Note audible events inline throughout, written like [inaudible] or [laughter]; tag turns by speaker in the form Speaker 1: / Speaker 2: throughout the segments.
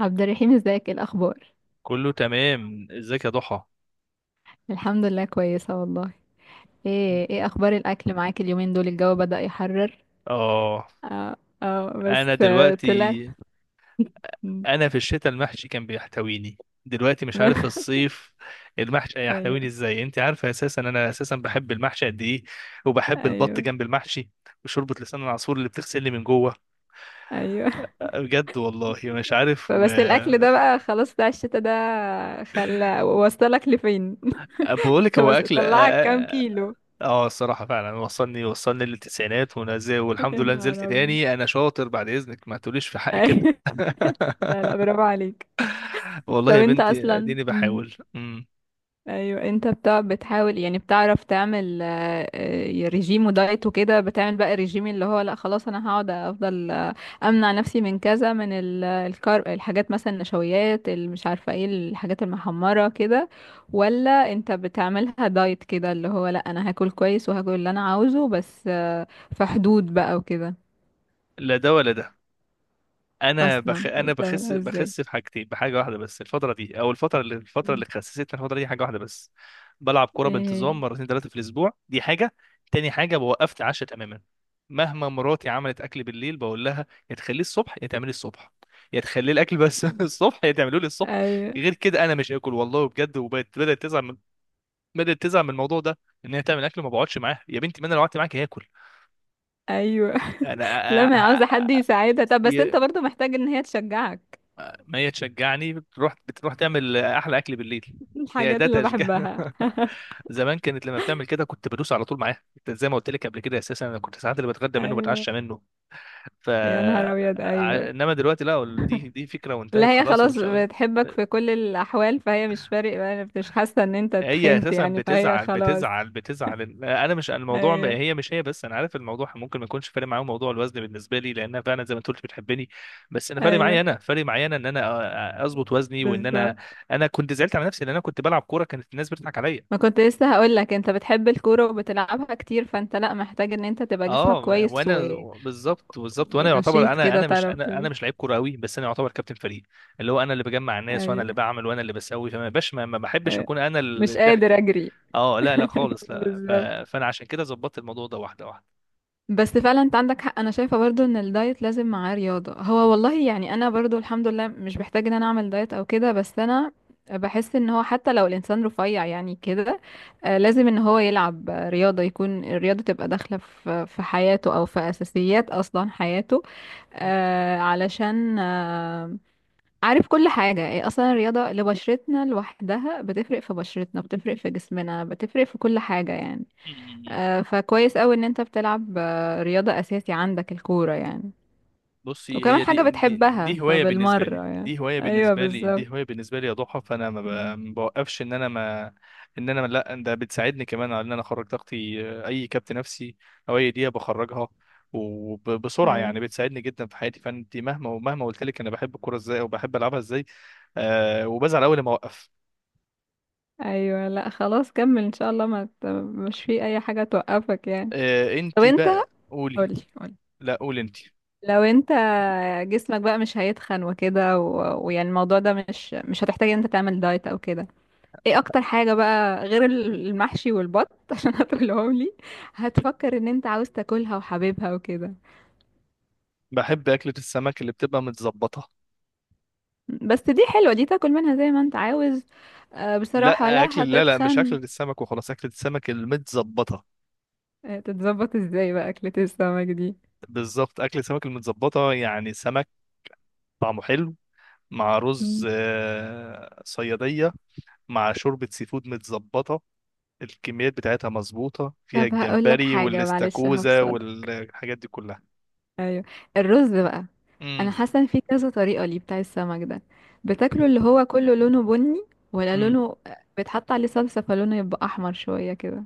Speaker 1: عبد الرحيم، ازيك؟ ايه الاخبار؟
Speaker 2: كله تمام، ازيك يا ضحى؟
Speaker 1: الحمد لله، كويسه والله. ايه اخبار الاكل معاك؟ اليومين دول الجو بدأ يحرر.
Speaker 2: اه،
Speaker 1: اه، اه، بس
Speaker 2: انا
Speaker 1: طلع.
Speaker 2: دلوقتي،
Speaker 1: مم.
Speaker 2: انا في الشتاء المحشي كان بيحتويني. دلوقتي مش عارف
Speaker 1: [laughs]
Speaker 2: الصيف المحشي
Speaker 1: ايوه،
Speaker 2: هيحتويني ازاي. انت عارفه اساسا انا اساسا بحب المحشي قد ايه، وبحب البط
Speaker 1: ايوه،
Speaker 2: جنب المحشي، وشوربه لسان العصفور اللي بتغسلني من جوه.
Speaker 1: ايوه.
Speaker 2: بجد والله مش عارف و...
Speaker 1: بس الاكل ده بقى خلاص بتاع الشتاء ده، خلى وصلك لفين؟
Speaker 2: [laughs] بقول
Speaker 1: [laughs]
Speaker 2: لك هو
Speaker 1: بس
Speaker 2: اكل
Speaker 1: طلعك كام كيلو؟
Speaker 2: الصراحه فعلا وصلني، وصلني للتسعينات ونزل،
Speaker 1: [laughs] يا
Speaker 2: والحمد لله نزلت
Speaker 1: نهار ابيض!
Speaker 2: تاني. انا شاطر، بعد اذنك ما تقوليش في
Speaker 1: [laughs]
Speaker 2: حقي كده.
Speaker 1: أيوة.
Speaker 2: [laughs]
Speaker 1: لا، لا، برافو عليك.
Speaker 2: والله
Speaker 1: طب
Speaker 2: يا
Speaker 1: انت
Speaker 2: بنتي
Speaker 1: اصلا،
Speaker 2: اديني
Speaker 1: مم.
Speaker 2: بحاول
Speaker 1: ايوه، انت بتحاول يعني بتعرف تعمل ريجيم ودايت وكده، بتعمل بقى الريجيم اللي هو لا خلاص انا هقعد افضل امنع نفسي من كذا من الكارب الحاجات مثلا النشويات اللي مش عارفه ايه، الحاجات المحمره كده. ولا انت بتعملها دايت كده اللي هو لا، انا هاكل كويس وهاكل اللي انا عاوزه بس في حدود بقى وكده.
Speaker 2: لا ده ولا ده.
Speaker 1: اصلا
Speaker 2: انا بخس
Speaker 1: بتعملها ازاي؟
Speaker 2: بخس في حاجتين، بحاجه واحده بس الفتره دي، او الفتره اللي، الفتره اللي
Speaker 1: مم.
Speaker 2: خسستني الفتره دي حاجه واحده بس: بلعب كوره
Speaker 1: ايه هي؟
Speaker 2: بانتظام مرتين ثلاثه في الاسبوع، دي حاجه. تاني حاجه بوقفت عشاء تماما. مهما مراتي عملت اكل بالليل بقول لها يا تخليه الصبح، يا تعملي الصبح، يا تخلي الاكل بس [laughs] الصبح، يا تعملوه لي الصبح.
Speaker 1: ايوه،
Speaker 2: غير كده انا مش هاكل والله بجد. وبدات تزعل من، بدات تزعل من الموضوع ده، ان هي تعمل اكل ما بقعدش معاها. يا بنتي ما انا لو قعدت معاك هاكل.
Speaker 1: ايوه. [laughs] لا،
Speaker 2: انا
Speaker 1: ما هي عاوزه حد يساعدها، طب بس انت
Speaker 2: ي...
Speaker 1: برضو محتاج ان هي تشجعك.
Speaker 2: ما هي تشجعني، بتروح تعمل احلى اكل بالليل. هي
Speaker 1: الحاجات
Speaker 2: ده
Speaker 1: اللي
Speaker 2: تشجيع؟
Speaker 1: بحبها.
Speaker 2: [laughs] زمان كانت لما بتعمل كده كنت بدوس على طول معاها. كنت زي ما قلت لك قبل كده اساسا انا كنت ساعات اللي بتغدى منه
Speaker 1: ايوه،
Speaker 2: بتعشى منه. ف
Speaker 1: يا نهار ابيض! ايوه.
Speaker 2: انما دلوقتي لا، دي فكره
Speaker 1: لا،
Speaker 2: وانتهت
Speaker 1: هي
Speaker 2: خلاص
Speaker 1: خلاص
Speaker 2: ومش عامل.
Speaker 1: بتحبك في كل الاحوال، فهي مش فارق بقى، مش حاسه ان انت
Speaker 2: هي
Speaker 1: اتخنت
Speaker 2: اساسا
Speaker 1: يعني، فهي
Speaker 2: بتزعل
Speaker 1: خلاص.
Speaker 2: بتزعل بتزعل. انا مش الموضوع
Speaker 1: ايوه،
Speaker 2: هي مش هي بس، انا عارف الموضوع ممكن ما يكونش فارق معاهم موضوع الوزن. بالنسبه لي لانها فعلا زي ما انت قلت بتحبني، بس انا فارق معايا،
Speaker 1: ايوه،
Speaker 2: انا ان انا اظبط وزني وان
Speaker 1: بالظبط.
Speaker 2: انا، انا كنت زعلت على نفسي لان انا كنت بلعب كوره كانت الناس بتضحك عليا.
Speaker 1: ما كنت لسه هقول لك، انت بتحب الكوره وبتلعبها كتير، فانت لا محتاج ان انت تبقى جسمك
Speaker 2: اه
Speaker 1: كويس و
Speaker 2: وانا بالظبط، وانا يعتبر
Speaker 1: ونشيط كده،
Speaker 2: انا مش
Speaker 1: تعرف
Speaker 2: انا
Speaker 1: تجري.
Speaker 2: مش لعيب كوره قوي بس انا يعتبر كابتن فريق، اللي هو انا اللي بجمع الناس، وانا اللي
Speaker 1: ايوه،
Speaker 2: بعمل، وانا اللي بسوي. فما باش ما بحبش
Speaker 1: أيوة.
Speaker 2: اكون انا
Speaker 1: مش
Speaker 2: الضحكه.
Speaker 1: قادر اجري.
Speaker 2: اه لا لا خالص
Speaker 1: [laughs]
Speaker 2: لا ف...
Speaker 1: بالظبط.
Speaker 2: فانا عشان كده ظبطت الموضوع ده واحده واحده.
Speaker 1: بس فعلا انت عندك حق، انا شايفة برضو ان الدايت لازم معاه رياضة. هو والله يعني انا برضو الحمد لله مش بحتاج ان انا اعمل دايت او كده، بس انا بحس ان هو حتى لو الانسان رفيع يعني كده لازم ان هو يلعب رياضة، يكون الرياضة تبقى داخلة في حياته او في اساسيات اصلا حياته. علشان عارف كل حاجة. إيه أصلا الرياضة لبشرتنا لوحدها، بتفرق في بشرتنا، بتفرق في جسمنا، بتفرق في كل حاجة يعني.
Speaker 2: [laughs]
Speaker 1: فكويس قوي ان انت بتلعب رياضة اساسي عندك الكورة يعني.
Speaker 2: بصي،
Speaker 1: وكمان
Speaker 2: هي
Speaker 1: حاجة بتحبها
Speaker 2: دي هوايه بالنسبه لي،
Speaker 1: فبالمرة يعني. ايوه، بالظبط.
Speaker 2: يا ضحى. فانا
Speaker 1: مم.
Speaker 2: ما بوقفش، ان انا ما لا، ده بتساعدني كمان على ان انا اخرج طاقتي، اي كبت نفسي او اي دقيقه بخرجها وبسرعه. يعني
Speaker 1: ايوه،
Speaker 2: بتساعدني جدا في حياتي. فانت مهما قلت لك انا بحب الكوره ازاي وبحب العبها ازاي، آه، وبزعل اول ما اوقف.
Speaker 1: ايوه. لا، خلاص كمل ان شاء الله، ما ت- مش في اي حاجة توقفك يعني.
Speaker 2: آه،
Speaker 1: طب
Speaker 2: انت
Speaker 1: انت،
Speaker 2: بقى قولي.
Speaker 1: قولي قولي،
Speaker 2: لا قولي انت.
Speaker 1: لو انت جسمك بقى مش هيتخن وكده و- ويعني الموضوع ده مش هتحتاج ان انت تعمل دايت او كده. ايه اكتر حاجة بقى غير المحشي والبط، [laughs] عشان هتقولهم لي هتفكر ان انت عاوز تاكلها وحاببها وكده؟
Speaker 2: بحب اكله السمك اللي بتبقى متظبطه.
Speaker 1: بس دي حلوة، دي تاكل منها زي ما انت عاوز، بصراحة
Speaker 2: لا
Speaker 1: لا
Speaker 2: اكل، لا لا، مش
Speaker 1: هتتخن.
Speaker 2: اكله السمك وخلاص، اكله السمك المتظبطه.
Speaker 1: تتظبط ازاي بقى أكلة السمك دي؟
Speaker 2: بالظبط، اكل سمك المتظبطه يعني سمك طعمه حلو، مع
Speaker 1: مم.
Speaker 2: رز صياديه، مع شوربه سي فود متظبطه. الكميات بتاعتها مظبوطه، فيها
Speaker 1: طب هقول لك
Speaker 2: الجمبري
Speaker 1: حاجة، معلش
Speaker 2: والاستاكوزا
Speaker 1: هفصل.
Speaker 2: والحاجات دي كلها.
Speaker 1: ايوه، الرز بقى. انا
Speaker 2: امم،
Speaker 1: حاسة ان في كذا طريقة ليه بتاع السمك ده بتاكله، اللي هو كله لونه بني، ولا
Speaker 2: امم،
Speaker 1: لونه بيتحط عليه صلصة فلونه يبقى احمر شوية كده؟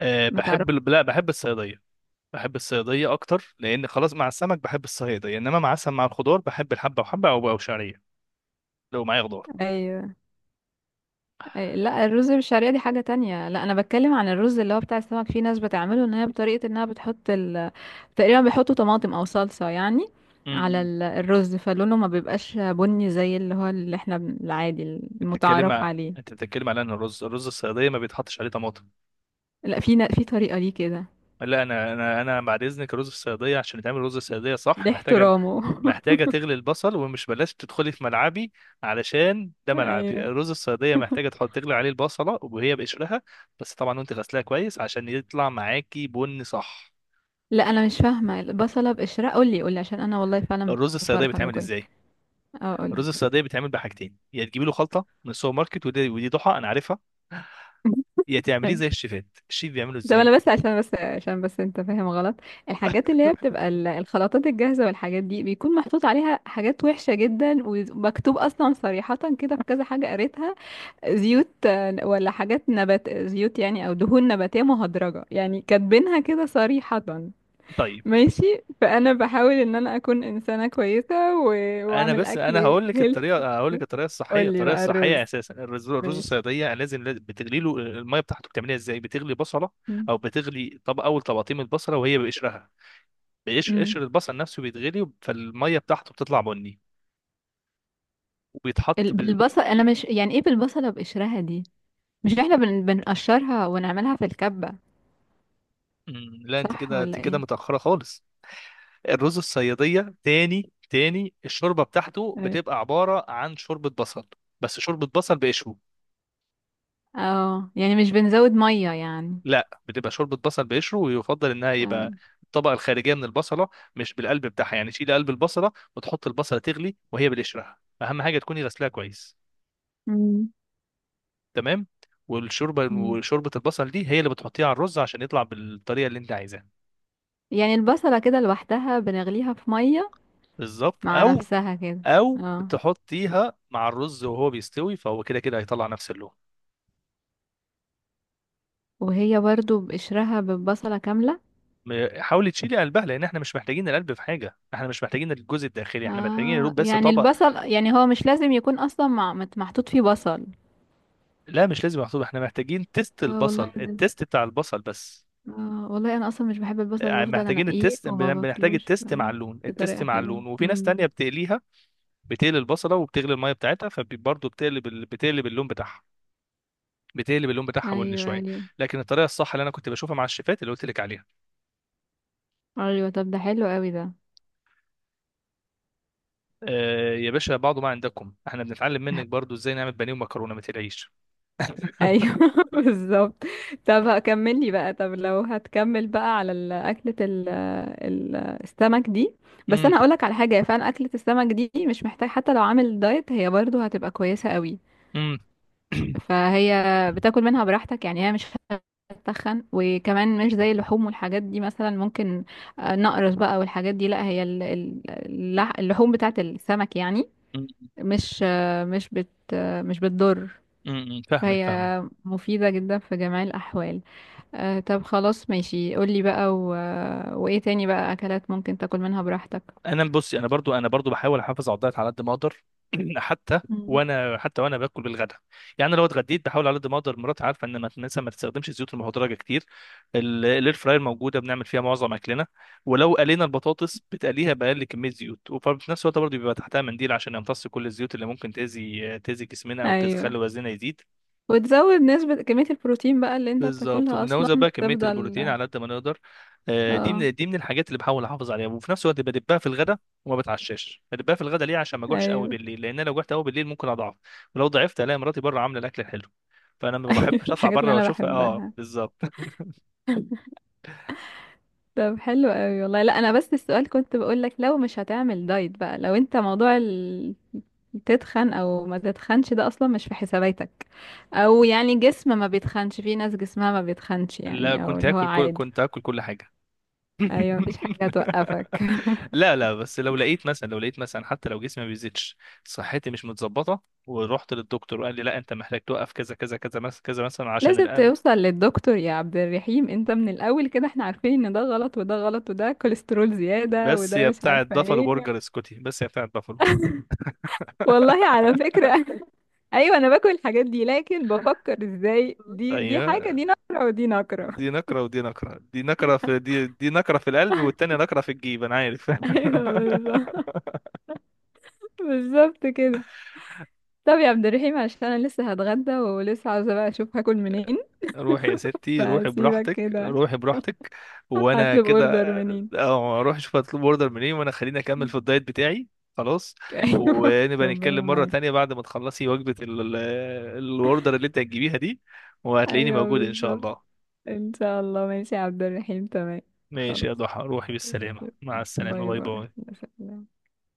Speaker 2: أه
Speaker 1: ما تعرف؟
Speaker 2: بحب لا بحب الصياديه. بحب الصياديه اكتر، لان خلاص مع السمك بحب الصياديه، انما مع مع الخضار بحب الحبه وحبه، او شعريه لو معايا خضار.
Speaker 1: ايوه، لا، الرز بالشعرية دي حاجة تانية. لا انا بتكلم عن الرز اللي هو بتاع السمك، في ناس بتعمله ان هي بطريقة انها بتحط تقريبا بيحطوا طماطم او صلصة يعني
Speaker 2: امم،
Speaker 1: على
Speaker 2: أمم.
Speaker 1: الرز، فلونه ما بيبقاش بني زي اللي هو اللي احنا العادي المتعارف عليه.
Speaker 2: انت بتتكلم على ان الرز، الصياديه ما بيتحطش عليه طماطم؟
Speaker 1: لا، في طريقة ليه كده.
Speaker 2: لا انا، انا بعد اذنك رز الصياديه، عشان تعمل رز الصياديه صح،
Speaker 1: ليه احترامه؟ [laughs]
Speaker 2: محتاجه تغلي البصل. ومش بلاش تدخلي في ملعبي، علشان ده ملعبي.
Speaker 1: ايوه،
Speaker 2: رز الصياديه محتاجه تغلي عليه البصله وهي بقشرها، بس طبعا وانت غسلاها كويس عشان يطلع معاكي بن صح.
Speaker 1: لا انا مش فاهمة البصلة بقشرها، قولي قولي عشان انا والله فعلا
Speaker 2: الرز
Speaker 1: مش
Speaker 2: الصياديه
Speaker 1: بعرف اعمله
Speaker 2: بيتعمل
Speaker 1: كويس.
Speaker 2: ازاي؟
Speaker 1: اه، قولي.
Speaker 2: الرز الصياديه بيتعمل بحاجتين: يا تجيبي له خلطه من السوبر ماركت، ودي ضحى انا عارفها، يا تعمليه زي
Speaker 1: [laughs]
Speaker 2: الشيفات، الشيف بيعمله
Speaker 1: ده
Speaker 2: ازاي.
Speaker 1: انا بس عشان انت فاهم غلط. الحاجات اللي هي
Speaker 2: [laughs]
Speaker 1: بتبقى الخلطات الجاهزة والحاجات دي، بيكون محطوط عليها حاجات وحشة جدا، ومكتوب اصلا صريحة كده في كذا حاجة قريتها. زيوت ولا حاجات نبات زيوت يعني، او دهون نباتية مهدرجة يعني، كاتبينها كده صريحة. ماشي، فانا بحاول ان انا اكون انسانة كويسة و...
Speaker 2: انا
Speaker 1: واعمل
Speaker 2: بس انا
Speaker 1: اكل
Speaker 2: هقول لك
Speaker 1: هيلثي.
Speaker 2: الطريقه، هقول لك الطريقه الصحيه.
Speaker 1: قولي
Speaker 2: الطريقه
Speaker 1: بقى الرز.
Speaker 2: الصحيه اساسا، الرز،
Speaker 1: ماشي.
Speaker 2: الصياديه لازم، لازم بتغلي له الميه بتاعته. بتعملها ازاي؟ بتغلي بصله،
Speaker 1: مم.
Speaker 2: او بتغلي، طب اول طبقتين من البصله وهي بقشرها، بقشر،
Speaker 1: امم.
Speaker 2: قشر البصل نفسه بيتغلي فالميه بتاعته بتطلع بني، وبيتحط ب...
Speaker 1: البصل، انا مش يعني ايه بالبصله بقشرها دي؟ مش احنا بنقشرها ونعملها في الكبة.
Speaker 2: مم، لا، انت
Speaker 1: صح
Speaker 2: كده، انت
Speaker 1: ولا
Speaker 2: كده
Speaker 1: ايه؟
Speaker 2: متاخره خالص. الرز الصياديه تاني، تاني الشوربه بتاعته
Speaker 1: ايه،
Speaker 2: بتبقى عباره عن شوربه بصل، بس شوربه بصل بقشره.
Speaker 1: اه، يعني مش بنزود مية يعني؟
Speaker 2: لا بتبقى شوربه بصل بقشره، ويفضل انها يبقى
Speaker 1: اه.
Speaker 2: الطبقه الخارجيه من البصله، مش بالقلب بتاعها. يعني شيل قلب البصله وتحط البصله تغلي وهي بالقشرها. اهم حاجه تكوني غسلاها كويس،
Speaker 1: مم.
Speaker 2: تمام؟ والشوربه،
Speaker 1: مم.
Speaker 2: وشوربه البصل دي هي اللي بتحطيها على الرز عشان يطلع بالطريقه اللي انت عايزاها.
Speaker 1: يعني البصلة كده لوحدها بنغليها في مية،
Speaker 2: بالظبط،
Speaker 1: مع
Speaker 2: او
Speaker 1: نفسها كده؟ اه.
Speaker 2: بتحطيها مع الرز وهو بيستوي، فهو كده كده هيطلع نفس اللون.
Speaker 1: وهي برضو بقشرها، بالبصلة كاملة؟
Speaker 2: حاولي تشيلي قلبها، لان احنا مش محتاجين القلب في حاجه. احنا مش محتاجين الجزء الداخلي، احنا محتاجين يا دوب
Speaker 1: اه،
Speaker 2: بس
Speaker 1: يعني
Speaker 2: طبق.
Speaker 1: البصل يعني هو مش لازم يكون اصلا محطوط فيه بصل.
Speaker 2: لا مش لازم، محسوب احنا محتاجين تيست
Speaker 1: اه والله
Speaker 2: البصل،
Speaker 1: ده-
Speaker 2: التيست بتاع البصل بس.
Speaker 1: اه والله انا اصلا مش بحب البصل،
Speaker 2: يعني
Speaker 1: بفضل
Speaker 2: محتاجين
Speaker 1: انقيه
Speaker 2: التيست،
Speaker 1: وما
Speaker 2: بنحتاج
Speaker 1: باكلوش
Speaker 2: التيست مع اللون، التيست
Speaker 1: بطريقة
Speaker 2: مع
Speaker 1: حلوة.
Speaker 2: اللون. وفي ناس
Speaker 1: امم.
Speaker 2: تانية بتقليها، بتقلي البصلة وبتغلي المية بتاعتها، فبرضه بتقلب بتقلب اللون بتاعها، بتقلب اللون بتاعها بني
Speaker 1: ايوه،
Speaker 2: شوية.
Speaker 1: ايوه،
Speaker 2: لكن الطريقة الصح اللي انا كنت بشوفها مع الشيفات اللي قلت لك عليها.
Speaker 1: ايوه. طب ده حلو قوي ده.
Speaker 2: آه يا باشا، بعض ما عندكم. احنا بنتعلم منك
Speaker 1: [laughs]
Speaker 2: برضه ازاي نعمل بانيه ومكرونة، ما تقلقيش.
Speaker 1: ايوه.
Speaker 2: [laughs]
Speaker 1: [laughs] بالظبط. طب هكملي بقى، طب لو هتكمل بقى على اكلة السمك دي. بس
Speaker 2: أمم،
Speaker 1: انا هقولك على حاجة، هي فعلا اكلة السمك دي مش محتاج، حتى لو عامل دايت هي برضو هتبقى كويسة قوي.
Speaker 2: أمم. [coughs]
Speaker 1: فهي بتاكل منها براحتك يعني، هي مش هتتخن، وكمان مش زي اللحوم والحاجات دي مثلا. ممكن نقرص بقى والحاجات دي، لا هي اللحوم بتاعت السمك يعني
Speaker 2: أمم،
Speaker 1: مش آه، مش بت آه، مش بتضر.
Speaker 2: أمم، [clears throat] فاهمك،
Speaker 1: فهي
Speaker 2: فاهمك.
Speaker 1: مفيدة جدا في جميع الأحوال. طب خلاص، ماشي، قولي بقى وإيه تاني بقى أكلات ممكن تاكل منها براحتك؟
Speaker 2: انا بصي، انا برضو، بحاول احافظ على الدايت على قد ما اقدر. [clears throat] حتى
Speaker 1: مم.
Speaker 2: وانا، باكل بالغدا. يعني أنا لو اتغديت بحاول على قد ما اقدر. مراتي عارفه ان ما مثلا ما تستخدمش الزيوت المهدرجه كتير. الاير فراير موجوده، بنعمل فيها معظم اكلنا. ولو قلينا البطاطس بتقليها باقل كميه زيوت، وفي نفس الوقت برضو بيبقى تحتها منديل عشان يمتص كل الزيوت اللي ممكن تاذي، تاذي جسمنا او
Speaker 1: أيوة.
Speaker 2: تخلي وزننا يزيد.
Speaker 1: وتزود نسبة كمية البروتين بقى اللي انت
Speaker 2: بالظبط،
Speaker 1: بتاكلها أصلا.
Speaker 2: وبنوزع بقى كميه البروتين
Speaker 1: تفضل.
Speaker 2: على قد ما نقدر. آه، دي
Speaker 1: اه.
Speaker 2: من، الحاجات اللي بحاول احافظ عليها. وفي نفس الوقت بدبها في الغداء، وما بتعشاش. بدبها في الغداء ليه؟ عشان ما اجوعش قوي
Speaker 1: أيوة. [laughs]
Speaker 2: بالليل، لان انا لو جوعت قوي بالليل ممكن اضعف. ولو ضعفت الاقي مراتي بره عامله الاكل الحلو، فانا ما
Speaker 1: أيوة،
Speaker 2: بحبش اطلع
Speaker 1: الحاجات اللي
Speaker 2: بره
Speaker 1: أنا
Speaker 2: واشوفها. اه
Speaker 1: بحبها.
Speaker 2: بالظبط. [laughs]
Speaker 1: طب حلو قوي والله. لا انا بس السؤال كنت بقولك، لو مش هتعمل دايت بقى، لو انت موضوع تتخن او ما تتخنش، ده اصلا مش في حساباتك، او يعني جسم ما بيتخنش، في ناس جسمها ما بيتخنش
Speaker 2: لا
Speaker 1: يعني، او
Speaker 2: كنت
Speaker 1: اللي هو
Speaker 2: هاكل كل،
Speaker 1: عادي.
Speaker 2: كنت هاكل كل حاجه.
Speaker 1: ايوه، مفيش حاجه
Speaker 2: [laughs]
Speaker 1: توقفك. [laughs]
Speaker 2: لا لا، بس لو لقيت مثلا، حتى لو جسمي ما بيزيدش، صحتي مش متظبطه ورحت للدكتور وقال لي لا انت محتاج توقف كذا كذا كذا، مثلا كذا مثلا عشان
Speaker 1: لازم
Speaker 2: القلب.
Speaker 1: توصل للدكتور يا عبد الرحيم، انت من الاول كده احنا عارفين ان ده غلط وده غلط وده كوليسترول زياده
Speaker 2: بس
Speaker 1: وده
Speaker 2: يا
Speaker 1: مش
Speaker 2: بتاعة
Speaker 1: عارفه
Speaker 2: بافالو
Speaker 1: ايه.
Speaker 2: برجر، اسكتي بس يا بتاعة بافالو.
Speaker 1: والله
Speaker 2: [laughs]
Speaker 1: على فكرة. [laughs] ايوه، انا باكل الحاجات دي، لكن بفكر ازاي دي حاجة،
Speaker 2: ايوه،
Speaker 1: دي نقرة ودي نقرة.
Speaker 2: دي
Speaker 1: [laughs]
Speaker 2: نكرة ودي نكرة، دي نكرة في، دي نكرة في القلب، والتانية نكرة في الجيب. انا عارف.
Speaker 1: ايوه، بالظبط، بالظبط كده. طب يا عبد الرحيم، عشان انا لسه هتغدى، ولسه عاوزة بقى اشوف هاكل منين،
Speaker 2: [laughs] روحي يا ستي، روحي
Speaker 1: فسيبك
Speaker 2: براحتك،
Speaker 1: كده،
Speaker 2: روحي براحتك. وانا
Speaker 1: هطلب
Speaker 2: كده
Speaker 1: اوردر منين.
Speaker 2: اه اروح اشوف هطلب اوردر منين، وانا خليني اكمل في
Speaker 1: [laughs]
Speaker 2: الدايت بتاعي. خلاص،
Speaker 1: ايوه،
Speaker 2: ونبقى
Speaker 1: ربنا
Speaker 2: نتكلم مرة
Speaker 1: معاك.
Speaker 2: تانية بعد ما تخلصي وجبة الاوردر اللي انت هتجيبيها دي، وهتلاقيني
Speaker 1: ايوه،
Speaker 2: موجود ان شاء
Speaker 1: بالظبط.
Speaker 2: الله.
Speaker 1: ان شاء الله، ماشي يا عبد الرحيم، تمام،
Speaker 2: ماشي يا
Speaker 1: خلاص.
Speaker 2: ضحى، روحي بالسلامة، مع السلامة،
Speaker 1: باي
Speaker 2: باي
Speaker 1: باي.
Speaker 2: باي.
Speaker 1: مع السلامة.